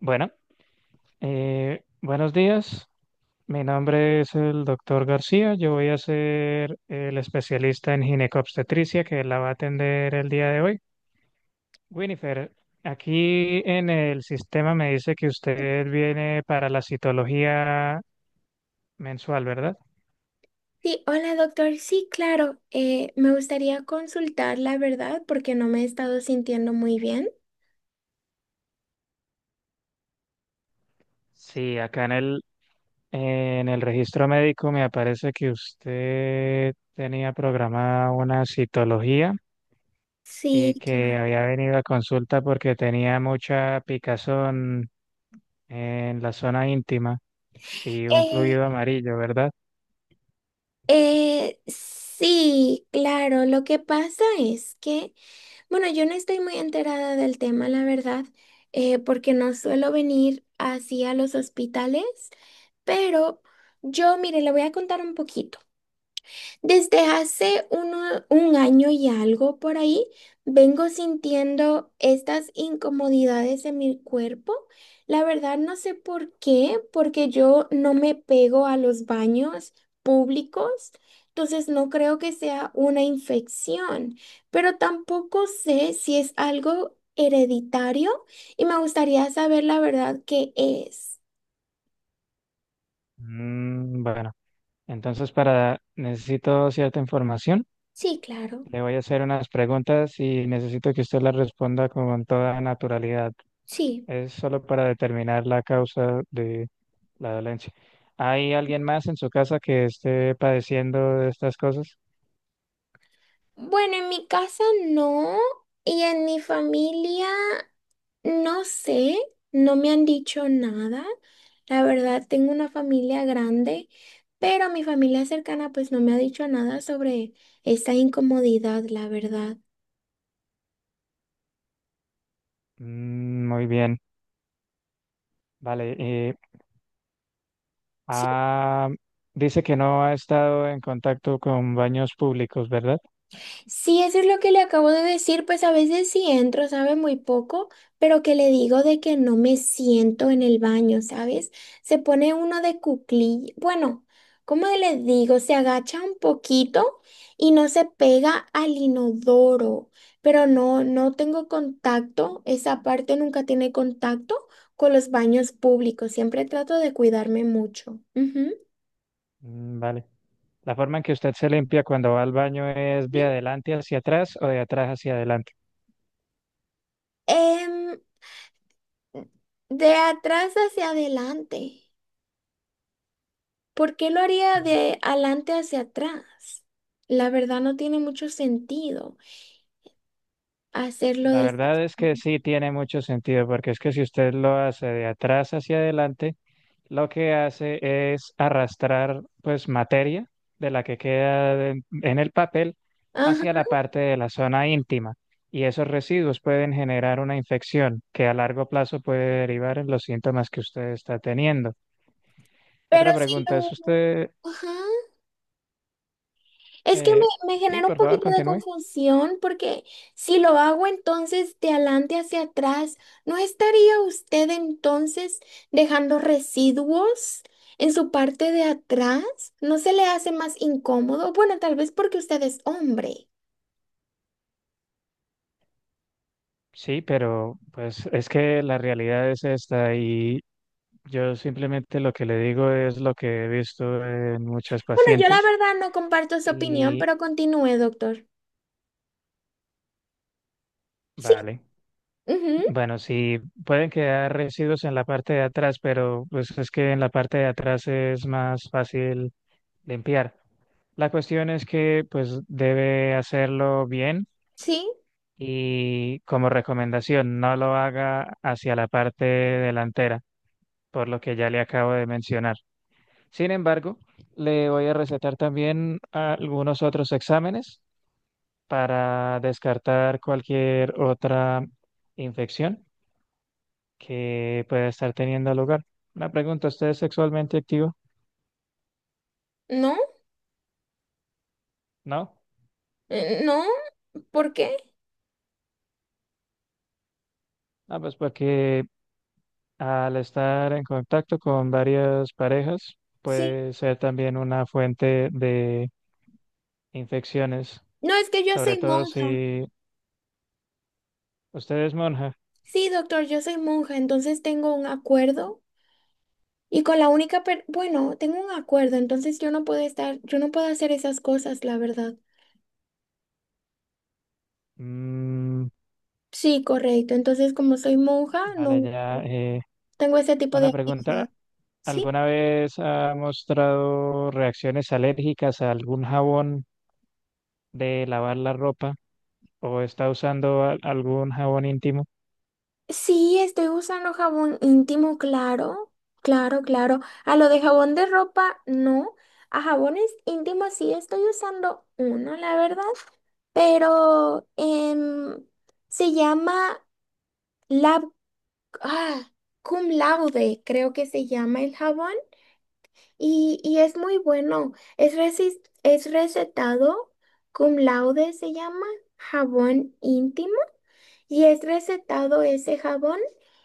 Bueno, buenos días. Mi nombre es el doctor García. Yo voy a ser el especialista en ginecobstetricia que la va a atender el día de hoy. Winifred, aquí en el sistema me dice que usted viene para la citología mensual, ¿verdad? Sí, hola doctor. Sí, claro. Me gustaría consultar la verdad porque no me he estado sintiendo muy bien. Sí, acá en el registro médico me aparece que usted tenía programada una citología y Sí, claro. que había venido a consulta porque tenía mucha picazón en la zona íntima y un Eh, fluido amarillo, ¿verdad? Sí, claro. Lo que pasa es que, bueno, yo no estoy muy enterada del tema, la verdad, porque no suelo venir así a los hospitales, pero yo, mire, le voy a contar un poquito. Desde hace un año y algo por ahí, vengo sintiendo estas incomodidades en mi cuerpo. La verdad no sé por qué, porque yo no me pego a los baños públicos, entonces no creo que sea una infección, pero tampoco sé si es algo hereditario y me gustaría saber la verdad qué es. Mm, bueno, entonces para necesito cierta información. Sí, claro, Le voy a hacer unas preguntas y necesito que usted las responda con toda naturalidad. sí. Es solo para determinar la causa de la dolencia. ¿Hay alguien más en su casa que esté padeciendo de estas cosas? Bueno, en mi casa no, y en mi familia no sé, no me han dicho nada. La verdad, tengo una familia grande, pero mi familia cercana pues no me ha dicho nada sobre esta incomodidad, la verdad. Mm, muy bien. Vale. Ah, Dice que no ha estado en contacto con baños públicos, ¿verdad? Sí, eso es lo que le acabo de decir, pues a veces sí entro, sabe, muy poco, pero que le digo de que no me siento en el baño, ¿sabes? Se pone uno de cuclillas, bueno, ¿cómo le digo? Se agacha un poquito y no se pega al inodoro, pero no, no tengo contacto, esa parte nunca tiene contacto con los baños públicos, siempre trato de cuidarme mucho. Ujú. Mm, vale. La forma en que usted se limpia cuando va al baño es de Sí. adelante hacia atrás o de atrás hacia adelante. Em, de atrás hacia adelante. ¿Por qué lo haría de adelante hacia atrás? La verdad no tiene mucho sentido hacerlo La de esa verdad es que forma. sí tiene mucho sentido, porque es que si usted lo hace de atrás hacia adelante, lo que hace es arrastrar pues materia de la que queda en el papel hacia Ajá, la parte de la zona íntima. Y esos residuos pueden generar una infección que a largo plazo puede derivar en los síntomas que usted está teniendo. pero Otra si pregunta es lo... usted, Ajá. Es que eh, me sí, genera un por favor, poquito de continúe. confusión porque si lo hago entonces de adelante hacia atrás, ¿no estaría usted entonces dejando residuos en su parte de atrás? ¿No se le hace más incómodo? Bueno, tal vez porque usted es hombre. Sí, pero pues es que la realidad es esta y yo simplemente lo que le digo es lo que he visto en muchas Bueno, yo la pacientes verdad no comparto su opinión, y pero continúe, doctor. Sí, vale. ujú, Bueno, sí, pueden quedar residuos en la parte de atrás, pero pues es que en la parte de atrás es más fácil limpiar. La cuestión es que pues debe hacerlo bien sí, y como recomendación, no lo haga hacia la parte delantera, por lo que ya le acabo de mencionar. Sin embargo, le voy a recetar también algunos otros exámenes para descartar cualquier otra infección que pueda estar teniendo lugar. Una pregunta, ¿usted es sexualmente activo? no, No. No, ¿por qué? Ah, pues porque al estar en contacto con varias parejas Sí. puede ser también una fuente de infecciones, No, es que yo sobre soy todo monja. si usted es monja. Sí, doctor, yo soy monja, entonces tengo un acuerdo. Y con la única, bueno, tengo un acuerdo, entonces yo no puedo estar, yo no puedo hacer esas cosas, la verdad. Mm, Sí, correcto. Entonces, como soy monja, no vale, ya. Tengo ese tipo de Una pregunta. actividad. Sí, ¿Alguna vez ha mostrado reacciones alérgicas a algún jabón de lavar la ropa o está usando algún jabón íntimo? sí, estoy usando jabón íntimo, claro, claro, claro. A lo de jabón de ropa, no. A jabones íntimos sí estoy usando uno, la verdad. Pero se llama Lab, ah, Cum Laude, creo que se llama el jabón. Y es muy bueno. Es, es recetado cum laude, se llama jabón íntimo. Y es recetado ese jabón,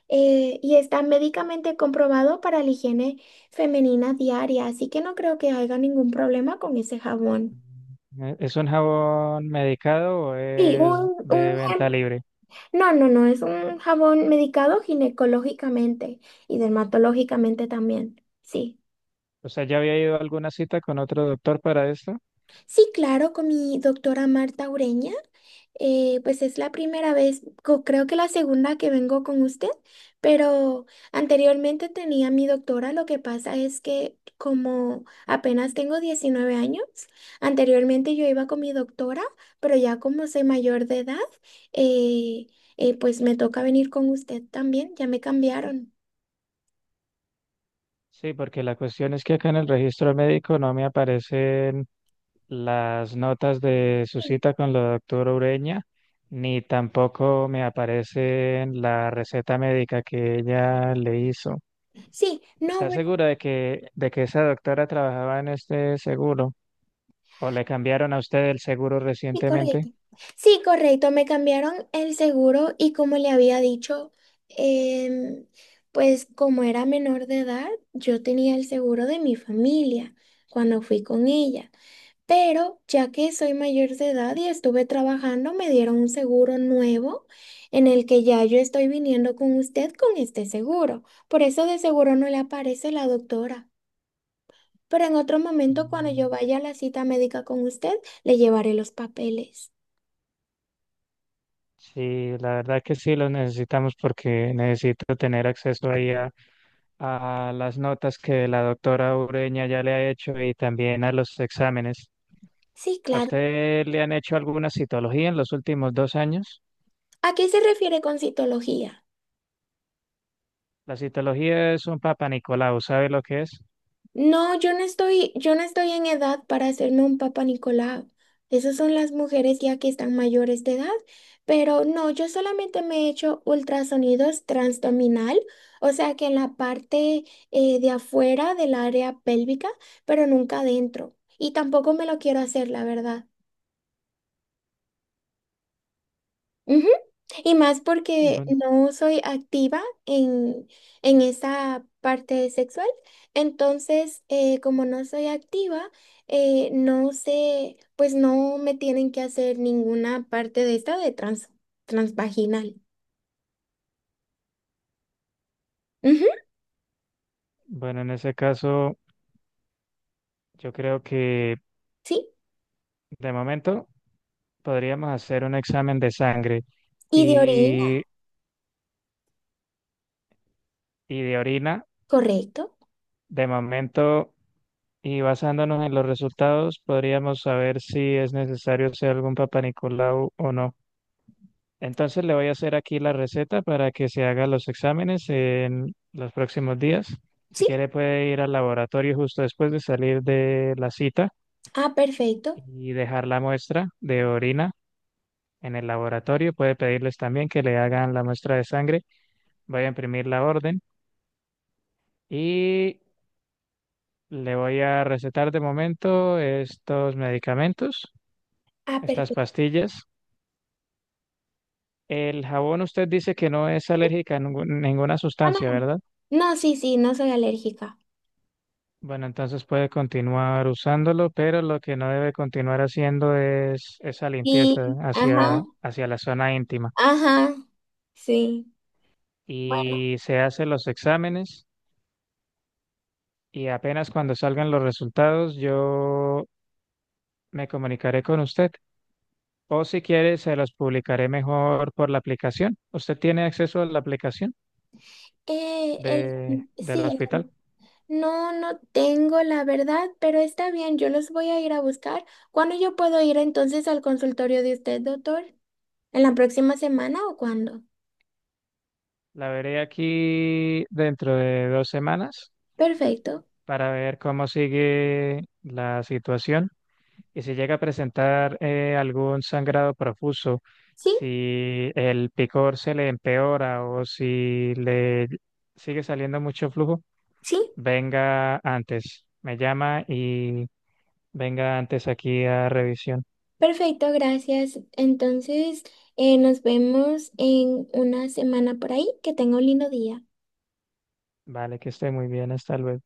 y está médicamente comprobado para la higiene femenina diaria. Así que no creo que haya ningún problema con ese jabón. ¿E- ¿Es un jabón medicado o Sí, es de venta libre? No, no, no, es un jabón medicado ginecológicamente y dermatológicamente también. Sí. O sea, ¿ya había ido a alguna cita con otro doctor para esto? Sí, claro, con mi doctora Marta Ureña. Pues es la primera vez, creo que la segunda que vengo con usted, pero anteriormente tenía mi doctora. Lo que pasa es que como apenas tengo 19 años, anteriormente yo iba con mi doctora, pero ya como soy mayor de edad, eh, pues me toca venir con usted también, ya me cambiaron. Sí, porque la cuestión es que acá en el registro médico no me aparecen las notas de su Sí, cita con la doctora Ureña, ni tampoco me aparece la receta médica que ella le hizo. sí, no, ¿Está bueno. segura de de que esa doctora trabajaba en este seguro? ¿O le cambiaron a usted el seguro Sí, recientemente? correcto. Sí, correcto. Me cambiaron el seguro y como le había dicho, em, pues como era menor de edad, yo tenía el seguro de mi familia cuando fui con ella. Pero ya que soy mayor de edad y estuve trabajando, me dieron un seguro nuevo en el que ya yo estoy viniendo con usted con este seguro. Por eso de seguro no le aparece la doctora. Pero en otro momento, cuando yo Mm, vaya a la cita médica con usted, le llevaré los papeles. sí, la verdad que sí lo necesitamos porque necesito tener acceso a las notas que la doctora Ureña ya le ha hecho y también a los exámenes. Sí, ¿A claro. usted le han hecho alguna citología en los últimos 2 años? ¿A qué se refiere con citología? La citología es un Papa Nicolau, ¿sabe lo que es? No, yo no estoy en edad para hacerme un Papa Nicolau. Esas son las mujeres ya que están mayores de edad, pero no, yo solamente me he hecho ultrasonidos transdominal, o sea que en la parte, de afuera del área pélvica, pero nunca adentro. Y tampoco me lo quiero hacer, la verdad. Ujú. Y más porque Bueno, no soy activa en esa parte sexual. Entonces, como no soy activa, no sé, pues no me tienen que hacer ninguna parte de esta de transvaginal. Ujú, bueno, en ese caso, yo creo que sí. de momento podríamos hacer un examen de sangre Y de orina, y, y de orina. correcto. De momento, y basándonos en los resultados, podríamos saber si es necesario hacer algún Papa Nicolau o no. Entonces le voy a hacer aquí la receta para que se haga los exámenes en los próximos días. Si Sí. quiere puede ir al laboratorio justo después de salir de la cita Ah, perfecto. y dejar la muestra de orina en el laboratorio. Puede pedirles también que le hagan la muestra de sangre. Voy a imprimir la orden y le voy a recetar de momento estos medicamentos, Ah, estas perfecto. pastillas. El jabón usted dice que no es alérgica a ninguna No, no, sustancia, no. ¿verdad? No, sí, sí, no soy alérgica. Bueno, entonces puede continuar usándolo, pero lo que no debe continuar haciendo es esa limpieza Sí, ajá, hacia la zona íntima. ajá, sí. Bueno. Y se hacen los exámenes y apenas cuando salgan los resultados yo me comunicaré con usted. O si quiere, se los publicaré mejor por la aplicación. ¿Usted tiene acceso a la aplicación Eh, el, del sí, hospital? no, no tengo la verdad, pero está bien, yo los voy a ir a buscar. ¿Cuándo yo puedo ir entonces al consultorio de usted, doctor? ¿En la próxima semana o cuándo? La veré aquí dentro de 2 semanas Perfecto. para ver cómo sigue la situación. Y si llega a presentar algún sangrado profuso, Sí, si el picor se le empeora o si le sigue saliendo mucho flujo, sí, venga antes. Me llama y venga antes aquí a revisión. perfecto, gracias. Entonces, nos vemos en una semana por ahí. Que tenga un lindo día. Vale, que esté muy bien. Hasta luego.